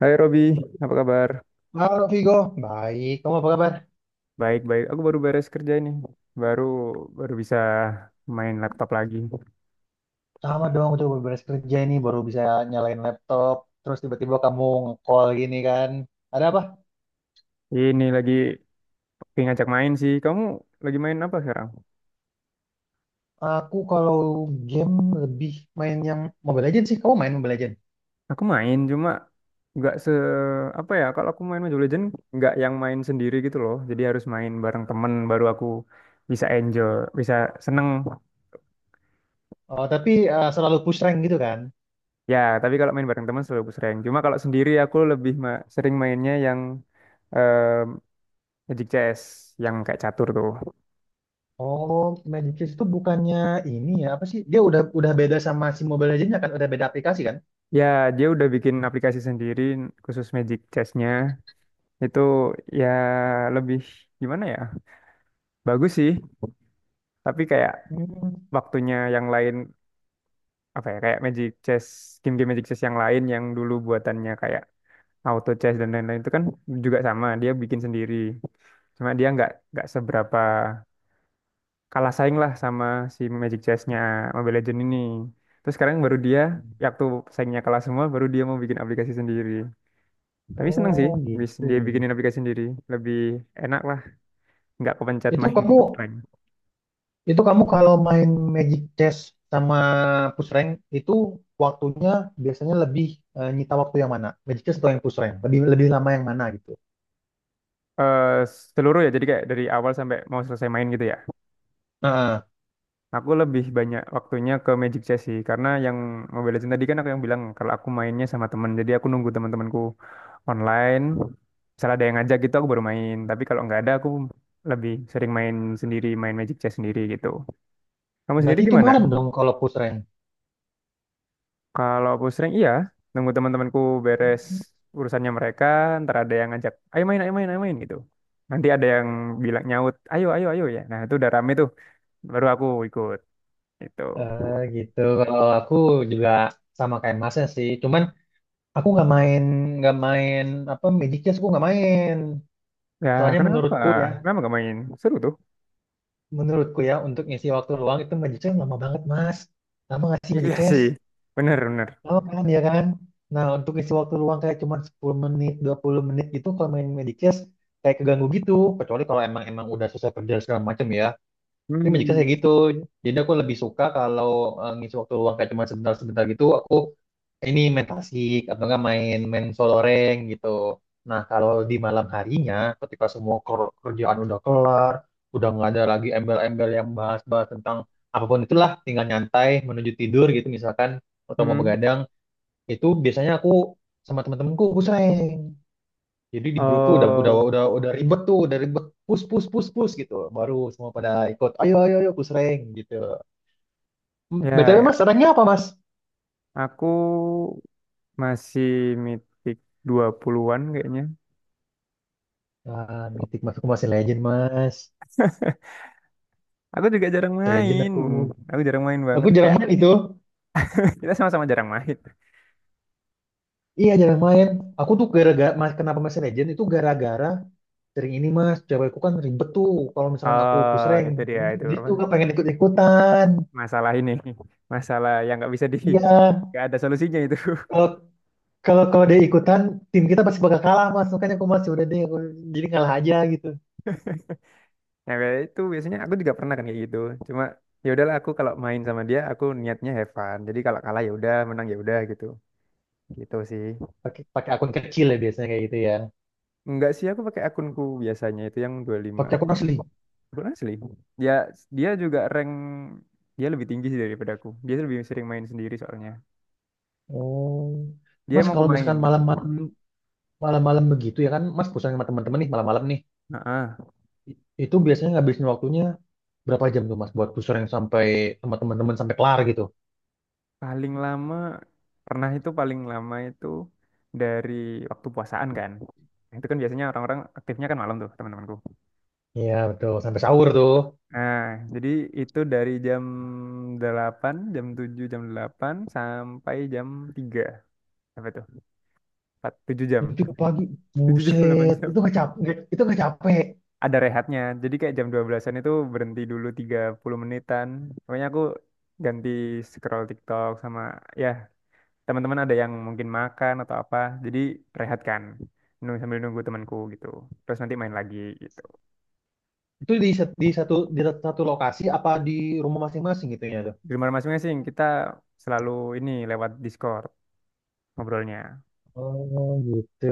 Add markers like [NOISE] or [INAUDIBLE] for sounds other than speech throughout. Hai Robi, apa kabar? Halo Vigo, baik. Kamu apa kabar? Baik-baik, aku baru beres kerja ini. Baru baru bisa main laptop lagi. Sama dong, udah beres kerja ini baru bisa nyalain laptop. Terus tiba-tiba kamu nge-call gini kan. Ada apa? Ini lagi pengen ngajak main sih. Kamu lagi main apa sekarang? Aku kalau game lebih main yang Mobile Legends sih. Kamu main Mobile Legends? Aku main cuma nggak se apa ya? Kalau aku main Mobile Legends nggak yang main sendiri gitu loh. Jadi harus main bareng temen baru aku bisa enjoy, bisa seneng. Oh, tapi selalu push rank gitu kan? Ya, tapi kalau main bareng teman selalu aku sering. Cuma kalau sendiri aku lebih sering mainnya yang eh Magic Chess, yang kayak catur tuh. Oh, Magic Kids itu bukannya ini ya, apa sih? Dia udah beda sama si Mobile Legends kan? Udah beda aplikasi kan? Ya, dia udah bikin aplikasi sendiri khusus Magic Chess-nya. Itu ya lebih gimana ya? Bagus sih, tapi kayak Hmm. waktunya yang lain apa ya? Kayak Magic Chess, game-game Magic Chess yang lain yang dulu buatannya kayak Auto Chess dan lain-lain itu kan juga sama, dia bikin sendiri. Cuma dia nggak seberapa, kalah saing lah sama si Magic Chess-nya Mobile Legends ini. Terus sekarang baru dia, ya waktu saingnya kalah semua, baru dia mau bikin aplikasi sendiri. Tapi seneng sih, Oh, gitu. dia bikinin aplikasi sendiri. Lebih enak lah, nggak kepencet Itu main kamu offline. Itu kamu kalau main Magic Chess sama Push Rank itu waktunya biasanya lebih nyita waktu yang mana? Magic Chess atau yang Push Rank? Lebih lebih lama yang mana gitu? eh Seluruh ya, jadi kayak dari awal sampai mau selesai main gitu ya. Nah, Aku lebih banyak waktunya ke Magic Chess sih, karena yang Mobile Legends tadi kan aku yang bilang kalau aku mainnya sama temen, jadi aku nunggu teman-temanku online. Misalnya ada yang ngajak gitu, aku baru main. Tapi kalau nggak ada, aku lebih sering main sendiri, main Magic Chess sendiri gitu. Kamu sendiri berarti itu gimana? marem dong kalau Push Rank. Kalau aku sering iya, nunggu teman-temanku beres urusannya mereka, ntar ada yang ngajak, ayo main, ayo main, ayo main gitu. Nanti ada yang bilang nyaut, ayo, ayo, ayo ya. Nah itu udah rame tuh, baru aku ikut itu. Eh, gitu. Kalau aku juga sama kayak masnya sih. Cuman aku nggak main apa Magic Chess aku nggak main. Ya, Soalnya kenapa? menurutku ya, Kenapa gak main? Seru tuh. menurutku ya untuk ngisi waktu luang itu Magic Chess lama banget mas. Lama nggak sih Magic Iya Chess? sih, bener, bener. Oh kan ya kan. Nah untuk isi waktu luang kayak cuma 10 menit, 20 menit gitu kalau main Medicast kayak keganggu gitu. Kecuali kalau emang emang udah selesai kerja segala macam ya. Tapi Medicast Hmm, kayak gitu. Jadi aku lebih suka kalau ngisi waktu luang kayak cuma sebentar-sebentar gitu aku ini main tasik atau enggak main main soloreng gitu. Nah kalau di malam harinya ketika semua kerjaan udah kelar, udah nggak ada lagi embel-embel yang bahas-bahas tentang apapun itulah tinggal nyantai menuju tidur gitu misalkan atau mau hmm. begadang itu biasanya aku sama teman-temanku push rank. Jadi di grup tuh udah udah Oh, udah udah ribet tuh udah ribet push push push push gitu baru semua pada ikut ayo ayo ayo push rank gitu. Hmm, ya, btw mas ya. ranknya apa mas? Aku masih mitik 20-an kayaknya. Ah mitik mas, aku masih legend mas. Aku juga jarang Masih legend main. aku Aku jarang main aku banget. jarang Kayak main itu. [LAUGHS] kita sama-sama jarang main. Iya jarang main. Aku tuh gara-gara mas kenapa masih legend itu gara-gara sering ini mas, cewekku kan ribet tuh kalau misalkan aku Oh, pusreng. itu dia dia, itu dia apa? tuh gak pengen ikut-ikutan. Masalah ini. [LAUGHS] Masalah yang nggak bisa di Iya. nggak ada solusinya itu. [LAUGHS] Kalau Kalau kalau dia ikutan, tim kita pasti bakal kalah mas. Makanya aku masih udah deh, aku jadi ngalah aja gitu. Yang kayak itu biasanya aku juga pernah kan kayak gitu. Cuma ya udahlah, aku kalau main sama dia aku niatnya have fun. Jadi kalau kalah ya udah, menang ya udah gitu. Gitu sih. Pakai pakai akun kecil ya biasanya kayak gitu ya. Enggak sih, aku pakai akunku biasanya itu yang 25. Pakai akun asli. Akun asli. Dia dia juga rank, dia lebih tinggi sih daripada aku. Dia lebih sering main sendiri soalnya. Oh, Dia mas emang kalau pemain. misalkan malam-malam begitu ya kan, mas pusing sama teman-teman nih malam-malam nih. Heeh. I- Itu biasanya ngabisin waktunya berapa jam tuh mas buat pusing yang sampai sama teman-teman sampai kelar gitu? Paling lama pernah itu, paling lama itu dari waktu puasaan kan. Nah, itu kan biasanya orang-orang aktifnya kan malam tuh, teman-temanku. Iya betul, sampai sahur tuh. Nah, jadi itu dari jam 8, jam 7, jam 8 sampai jam tiga. Apa tuh? 4, 7 jam. Itu pagi, [LAUGHS] 7 jam, 8 buset, jam. itu nggak capek, itu nggak capek. Ada rehatnya. Jadi kayak jam 12-an itu berhenti dulu 30 menitan. Pokoknya aku ganti scroll TikTok sama ya teman-teman ada yang mungkin makan atau apa, jadi rehat kan, nunggu, sambil nunggu temanku gitu, terus nanti main lagi gitu. Itu di satu lokasi apa di rumah masing-masing gitu ya? Di rumah masing-masing, kita selalu ini lewat Discord ngobrolnya. Oh gitu.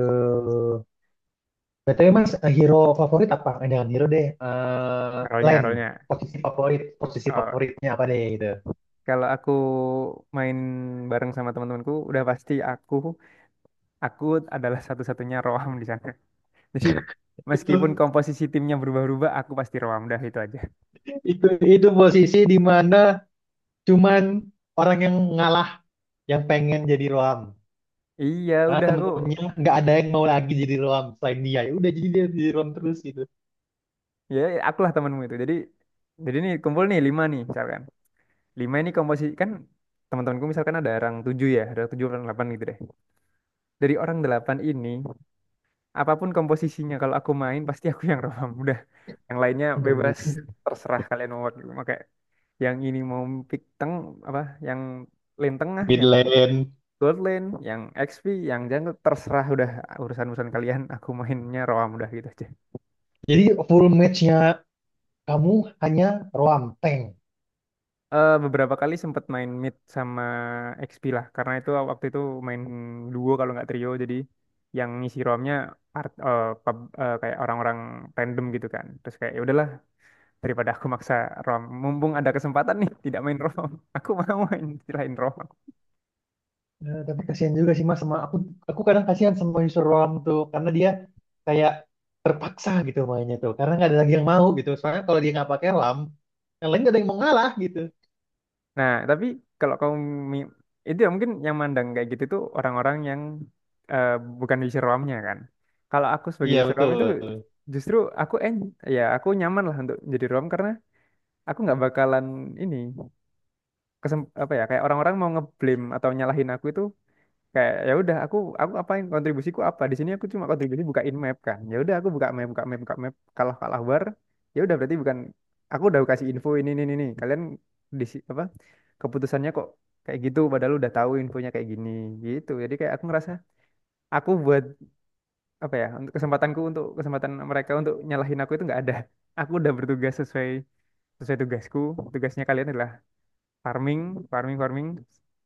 BTW Mas, eh, hero favorit apa? Eh, jangan hero deh. Eh rolnya Len, rolnya posisi oh, favoritnya apa deh gitu. kalau aku main bareng sama teman-temanku udah pasti aku adalah satu-satunya roam di sana. [LAUGHS] Jadi Itu meskipun komposisi timnya berubah-ubah aku pasti roam dah, itu aja. itu itu posisi di mana cuman orang yang ngalah yang pengen jadi Roam. Iya Karena udah aku, temen-temennya nggak ada yang mau lagi jadi Roam selain dia. Ya udah jadi dia jadi Roam terus gitu. ya akulah temanmu itu. Jadi nih kumpul nih lima nih misalkan. Lima ini komposisi kan, teman-temanku misalkan ada orang tujuh ya, ada tujuh orang delapan gitu deh. Dari orang delapan ini, apapun komposisinya kalau aku main pasti aku yang rebam. [LAUGHS] Udah, yang lainnya Aduh bebas, itu terserah kalian mau pakai yang ini, mau pick teng apa, yang lane tengah, mid yang lane. gold lane, yang XP, yang jungle, terserah, udah urusan-urusan kalian. Aku mainnya roam udah gitu aja. Jadi full matchnya kamu hanya Roam tank. Eh, beberapa kali sempat main mid sama XP lah, karena itu waktu itu main duo kalau nggak trio, jadi yang ngisi romnya kayak orang-orang random gitu kan, terus kayak ya udahlah, daripada aku maksa rom, mumpung ada kesempatan nih [LAUGHS] tidak main rom, [LAUGHS] aku mau main selain rom. Eh, tapi kasihan juga sih mas sama aku kadang kasihan sama user ruang tuh karena dia kayak terpaksa gitu mainnya tuh karena nggak ada lagi yang mau gitu soalnya kalau dia nggak pakai lam yang lain nggak ada yang mau ngalah gitu. Nah tapi kalau kamu mi- itu ya, mungkin yang mandang kayak gitu tuh orang-orang yang eh, bukan user romnya kan. Kalau aku sebagai Iya user rom betul. itu justru aku ya aku nyaman lah untuk jadi rom, karena aku nggak bakalan ini apa ya, kayak orang-orang mau ngeblame atau nyalahin aku itu, kayak ya udah aku apain, kontribusiku apa di sini, aku cuma kontribusi bukain map kan. Ya udah aku buka map, buka map, buka map, kalah, kalah war, ya udah berarti bukan, aku udah kasih info ini ini. Kalian apa keputusannya kok kayak gitu padahal udah tahu infonya kayak gini, gitu. Jadi kayak aku ngerasa aku buat apa ya, untuk kesempatanku, untuk kesempatan mereka untuk nyalahin aku itu nggak ada. Aku udah bertugas sesuai, sesuai tugasku. Tugasnya kalian adalah farming, farming, farming.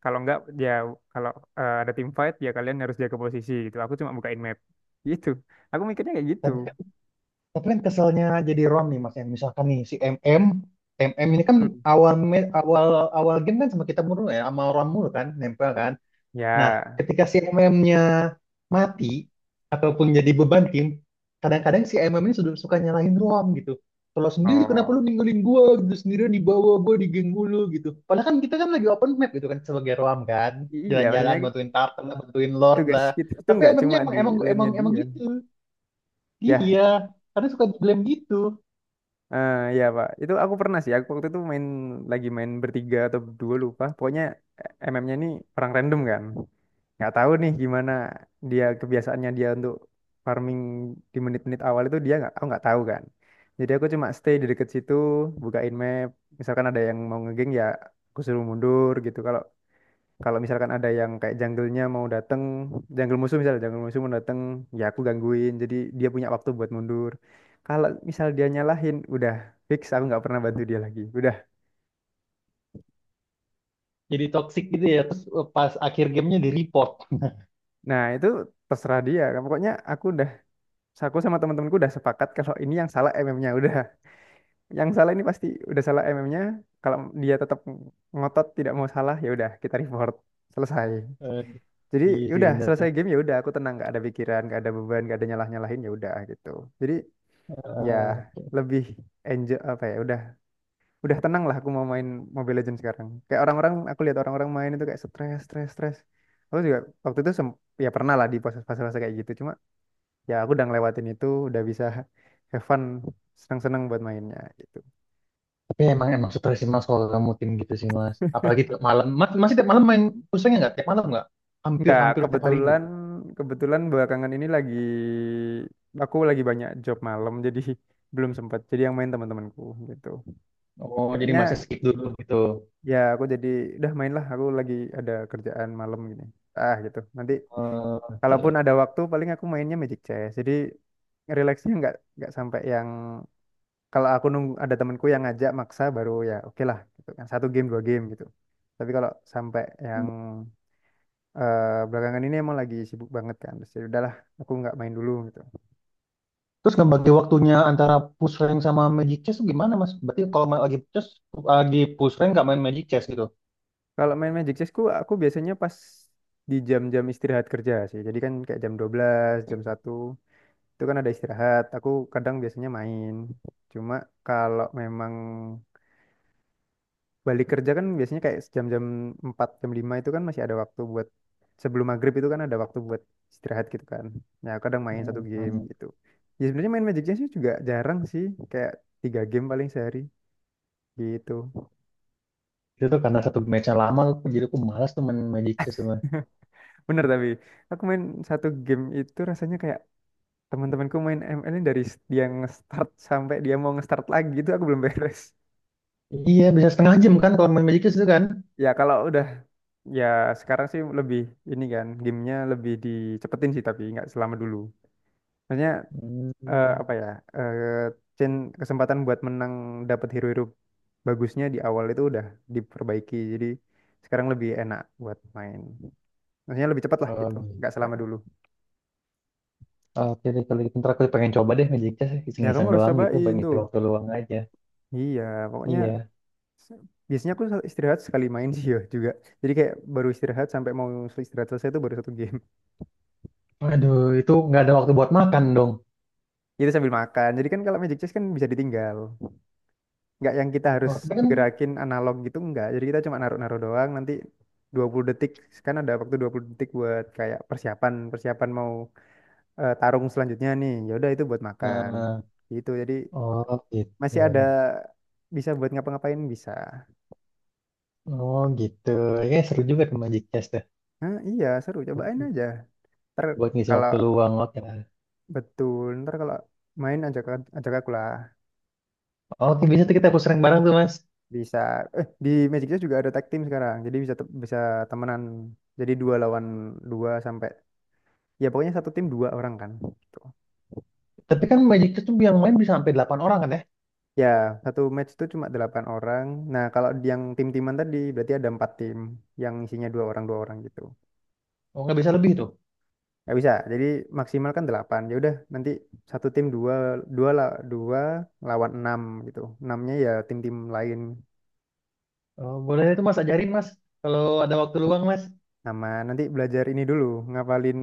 Kalau enggak ya, kalau ada tim fight ya kalian harus jaga posisi gitu. Aku cuma bukain map. Gitu. Aku mikirnya kayak gitu. Tapi, tapi kan keselnya jadi rom nih mas yang misalkan nih si MM. MM ini kan Hmm. Awal awal game kan sama kita mulu ya sama rom mulu kan nempel kan. Nah, Ya, ketika si MM-nya mati ataupun jadi beban tim, kadang-kadang si MM ini sudah suka nyalahin Roam gitu. Kalau sendiri kenapa lu oh ninggalin gua gitu sendirian di bawah gua di geng mulu gitu. Padahal kan kita kan lagi open map gitu kan sebagai Roam kan, iya, jalan-jalan maksudnya bantuin Tartan lah, bantuin Lord tugas lah. kita tuh Tapi nggak MM-nya cuma emang di emang emang lane-nya emang dia. gitu. Ya. Iya, karena suka di blame gitu. Eh, ya Pak, itu aku pernah sih. Aku waktu itu main, lagi main bertiga atau berdua lupa. Pokoknya MM-nya ini perang random kan. Nggak tahu nih gimana dia, kebiasaannya dia untuk farming di menit-menit awal itu dia nggak, aku nggak tahu kan. Jadi aku cuma stay di deket situ, bukain map. Misalkan ada yang mau ngegeng ya aku suruh mundur gitu. Kalau kalau misalkan ada yang kayak jungle-nya mau dateng, jungle musuh misalnya, jungle musuh mau dateng, ya aku gangguin. Jadi dia punya waktu buat mundur. Kalau misal dia nyalahin, udah fix aku nggak pernah bantu dia lagi. Udah. Jadi toxic gitu ya, terus pas akhir gamenya di report. Nah, itu terserah dia. Pokoknya aku udah, aku sama teman-temanku udah sepakat kalau ini yang salah MM-nya udah. Yang salah ini pasti udah salah MM-nya. Kalau dia tetap ngotot tidak mau salah, ya udah kita report. Selesai. [LAUGHS] Jadi Iya ya sih, udah selesai game, ya udah aku tenang, nggak ada pikiran, nggak ada beban, nggak ada nyalah-nyalahin, ya udah gitu. Jadi ya benar. lebih enjoy, apa ya, udah tenang lah. Aku mau main Mobile Legends sekarang kayak orang-orang, aku lihat orang-orang main itu kayak stres, stres, stres. Aku juga waktu itu ya pernah lah, di proses fase-fase kayak gitu, cuma ya aku udah ngelewatin itu, udah bisa [LAUGHS] have fun, seneng-seneng buat mainnya gitu. Ya, emang emang stres sih mas kalau kamu tim gitu sih mas. Apalagi tiap malam. Mas, masih tiap malam main pusingnya nggak? Tiap malam nggak? Nggak, Hampir-hampir tiap hari kebetulan, begitu. kebetulan belakangan ini lagi, aku lagi banyak job malam, jadi [LAUGHS] belum sempat jadi yang main teman-temanku gitu. Oh, jadi Kayaknya masih skip dulu gitu. ya, aku jadi udah main lah. Aku lagi ada kerjaan malam gini. Ah gitu. Nanti Eh, oke. kalaupun ada waktu, paling aku mainnya Magic Chess. Jadi rileksnya nggak sampai yang kalau aku nunggu ada temanku yang ngajak maksa baru ya oke lah gitu kan, satu game dua game gitu. Tapi kalau sampai yang eh, belakangan ini emang lagi sibuk banget kan. Terus ya udahlah, aku nggak main dulu gitu. Terus ngebagi waktunya antara push rank sama magic chess tuh gimana mas? Berarti kalau main lagi chess, lagi push rank nggak main magic chess gitu? Kalau main Magic Chessku, aku biasanya pas di jam-jam istirahat kerja sih. Jadi kan kayak jam 12 jam satu itu kan ada istirahat, aku kadang biasanya main. Cuma kalau memang balik kerja kan biasanya kayak jam-jam 4 jam 5 itu kan masih ada waktu buat sebelum maghrib itu kan ada waktu buat istirahat gitu kan, nah kadang main satu game Hmm. gitu. Ya sebenarnya main Magic Johnson juga jarang sih, kayak tiga game paling sehari gitu. Itu tuh karena satu matchnya lama, jadi aku malas tuh main magic chess mas. [LAUGHS] Bener, tapi aku main satu game itu rasanya kayak teman-temanku main ML ini dari dia nge-start sampai dia mau nge-start lagi itu aku belum beres. Iya, bisa setengah jam kan kalau main magic chess itu kan? Ya kalau udah, ya sekarang sih lebih ini kan gamenya lebih dicepetin sih tapi nggak selama dulu. Maksudnya eh, Hmm. apa ya eh, chan- kesempatan buat menang dapat hero-hero bagusnya di awal itu udah diperbaiki, jadi sekarang lebih enak buat main. Maksudnya lebih cepat lah Oh, gitu, nggak selama gitu. dulu. Oke deh kalau gitu ntar aku pengen coba deh Magic Chess Ya kamu iseng-iseng harus doang gitu cobain pengen ngisi tuh. waktu luang aja. Iya, pokoknya Iya. se- biasanya aku istirahat sekali main [LAUGHS] sih ya juga. Jadi kayak baru istirahat sampai mau istirahat selesai itu baru satu game. Aduh itu nggak ada waktu buat makan dong. Itu sambil makan. Jadi kan kalau magic chess kan bisa ditinggal. Nggak yang kita harus Oh tapi kan. gerakin analog gitu, nggak. Jadi kita cuma naruh-naruh doang, nanti 20 detik. Kan ada waktu 20 detik buat kayak persiapan, persiapan mau tarung selanjutnya nih. Ya udah itu buat makan. Nah, Gitu. Jadi oh gitu. masih ada, bisa buat ngapa-ngapain bisa. Oh gitu. Ya seru juga tuh Magic Chess tuh. Nah, iya, seru. Cobain aja. Ntar Buat ngisi kalau waktu luang oke lah. betul, ntar kalau main ajak, ajak aku lah. Oke bisa tuh kita aku sering bareng tuh Mas. Bisa, eh di Magic Chess juga ada tag team sekarang, jadi bisa bisa temenan jadi dua lawan dua sampai, ya pokoknya satu tim dua orang kan gitu. Tapi kan Magic Chess tuh yang main bisa sampai 8 orang kan ya? Ya satu match itu cuma delapan orang. Nah kalau di yang tim-timan tadi berarti ada empat tim yang isinya dua orang gitu. Oh nggak bisa lebih tuh. Nggak bisa, jadi maksimal kan delapan, ya udah nanti satu tim dua, dua lah, dua lawan enam gitu, enamnya ya tim-tim lain. Oh, boleh tuh Mas ajarin Mas kalau ada waktu luang Mas. Nama, nanti belajar ini dulu, ngafalin,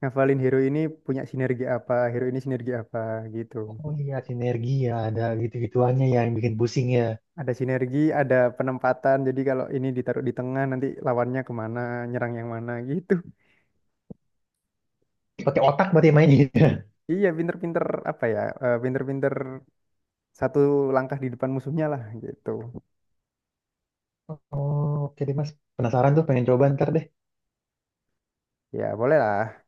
ngafalin hero ini punya sinergi apa, hero ini sinergi apa gitu. Oh iya sinergi ya ada gitu-gituannya ya yang bikin pusing ya. Ada sinergi, ada penempatan. Jadi kalau ini ditaruh di tengah, nanti lawannya kemana, nyerang yang mana gitu. Pakai otak berarti mainnya. [LAUGHS] Iya, pinter-pinter apa ya? Pinter-pinter satu langkah di depan musuhnya lah gitu. Oh, oke deh Mas. Penasaran tuh, pengen coba ntar deh. Ya boleh lah.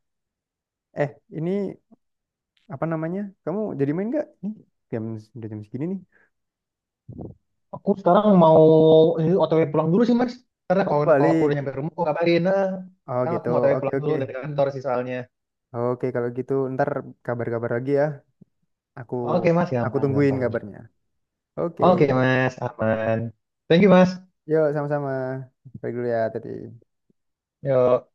Eh, ini apa namanya? Kamu jadi main nggak? Nih, jam udah jam segini nih. Aku sekarang mau ini OTW pulang dulu sih Mas. Karena Oh kalau kalau aku udah balik. nyampe rumah, aku kabarin. Nah, Oh sekarang aku gitu. mau OTW Oke, pulang dulu oke. dari kantor sih soalnya. Oke kalau gitu ntar kabar-kabar lagi ya. Aku Oke Mas, aku gampang, tungguin gampang. kabarnya. Oke. Oke Mas, aman. Thank you Mas. Yuk sama-sama. Pergi dulu ya, Teti. Yo.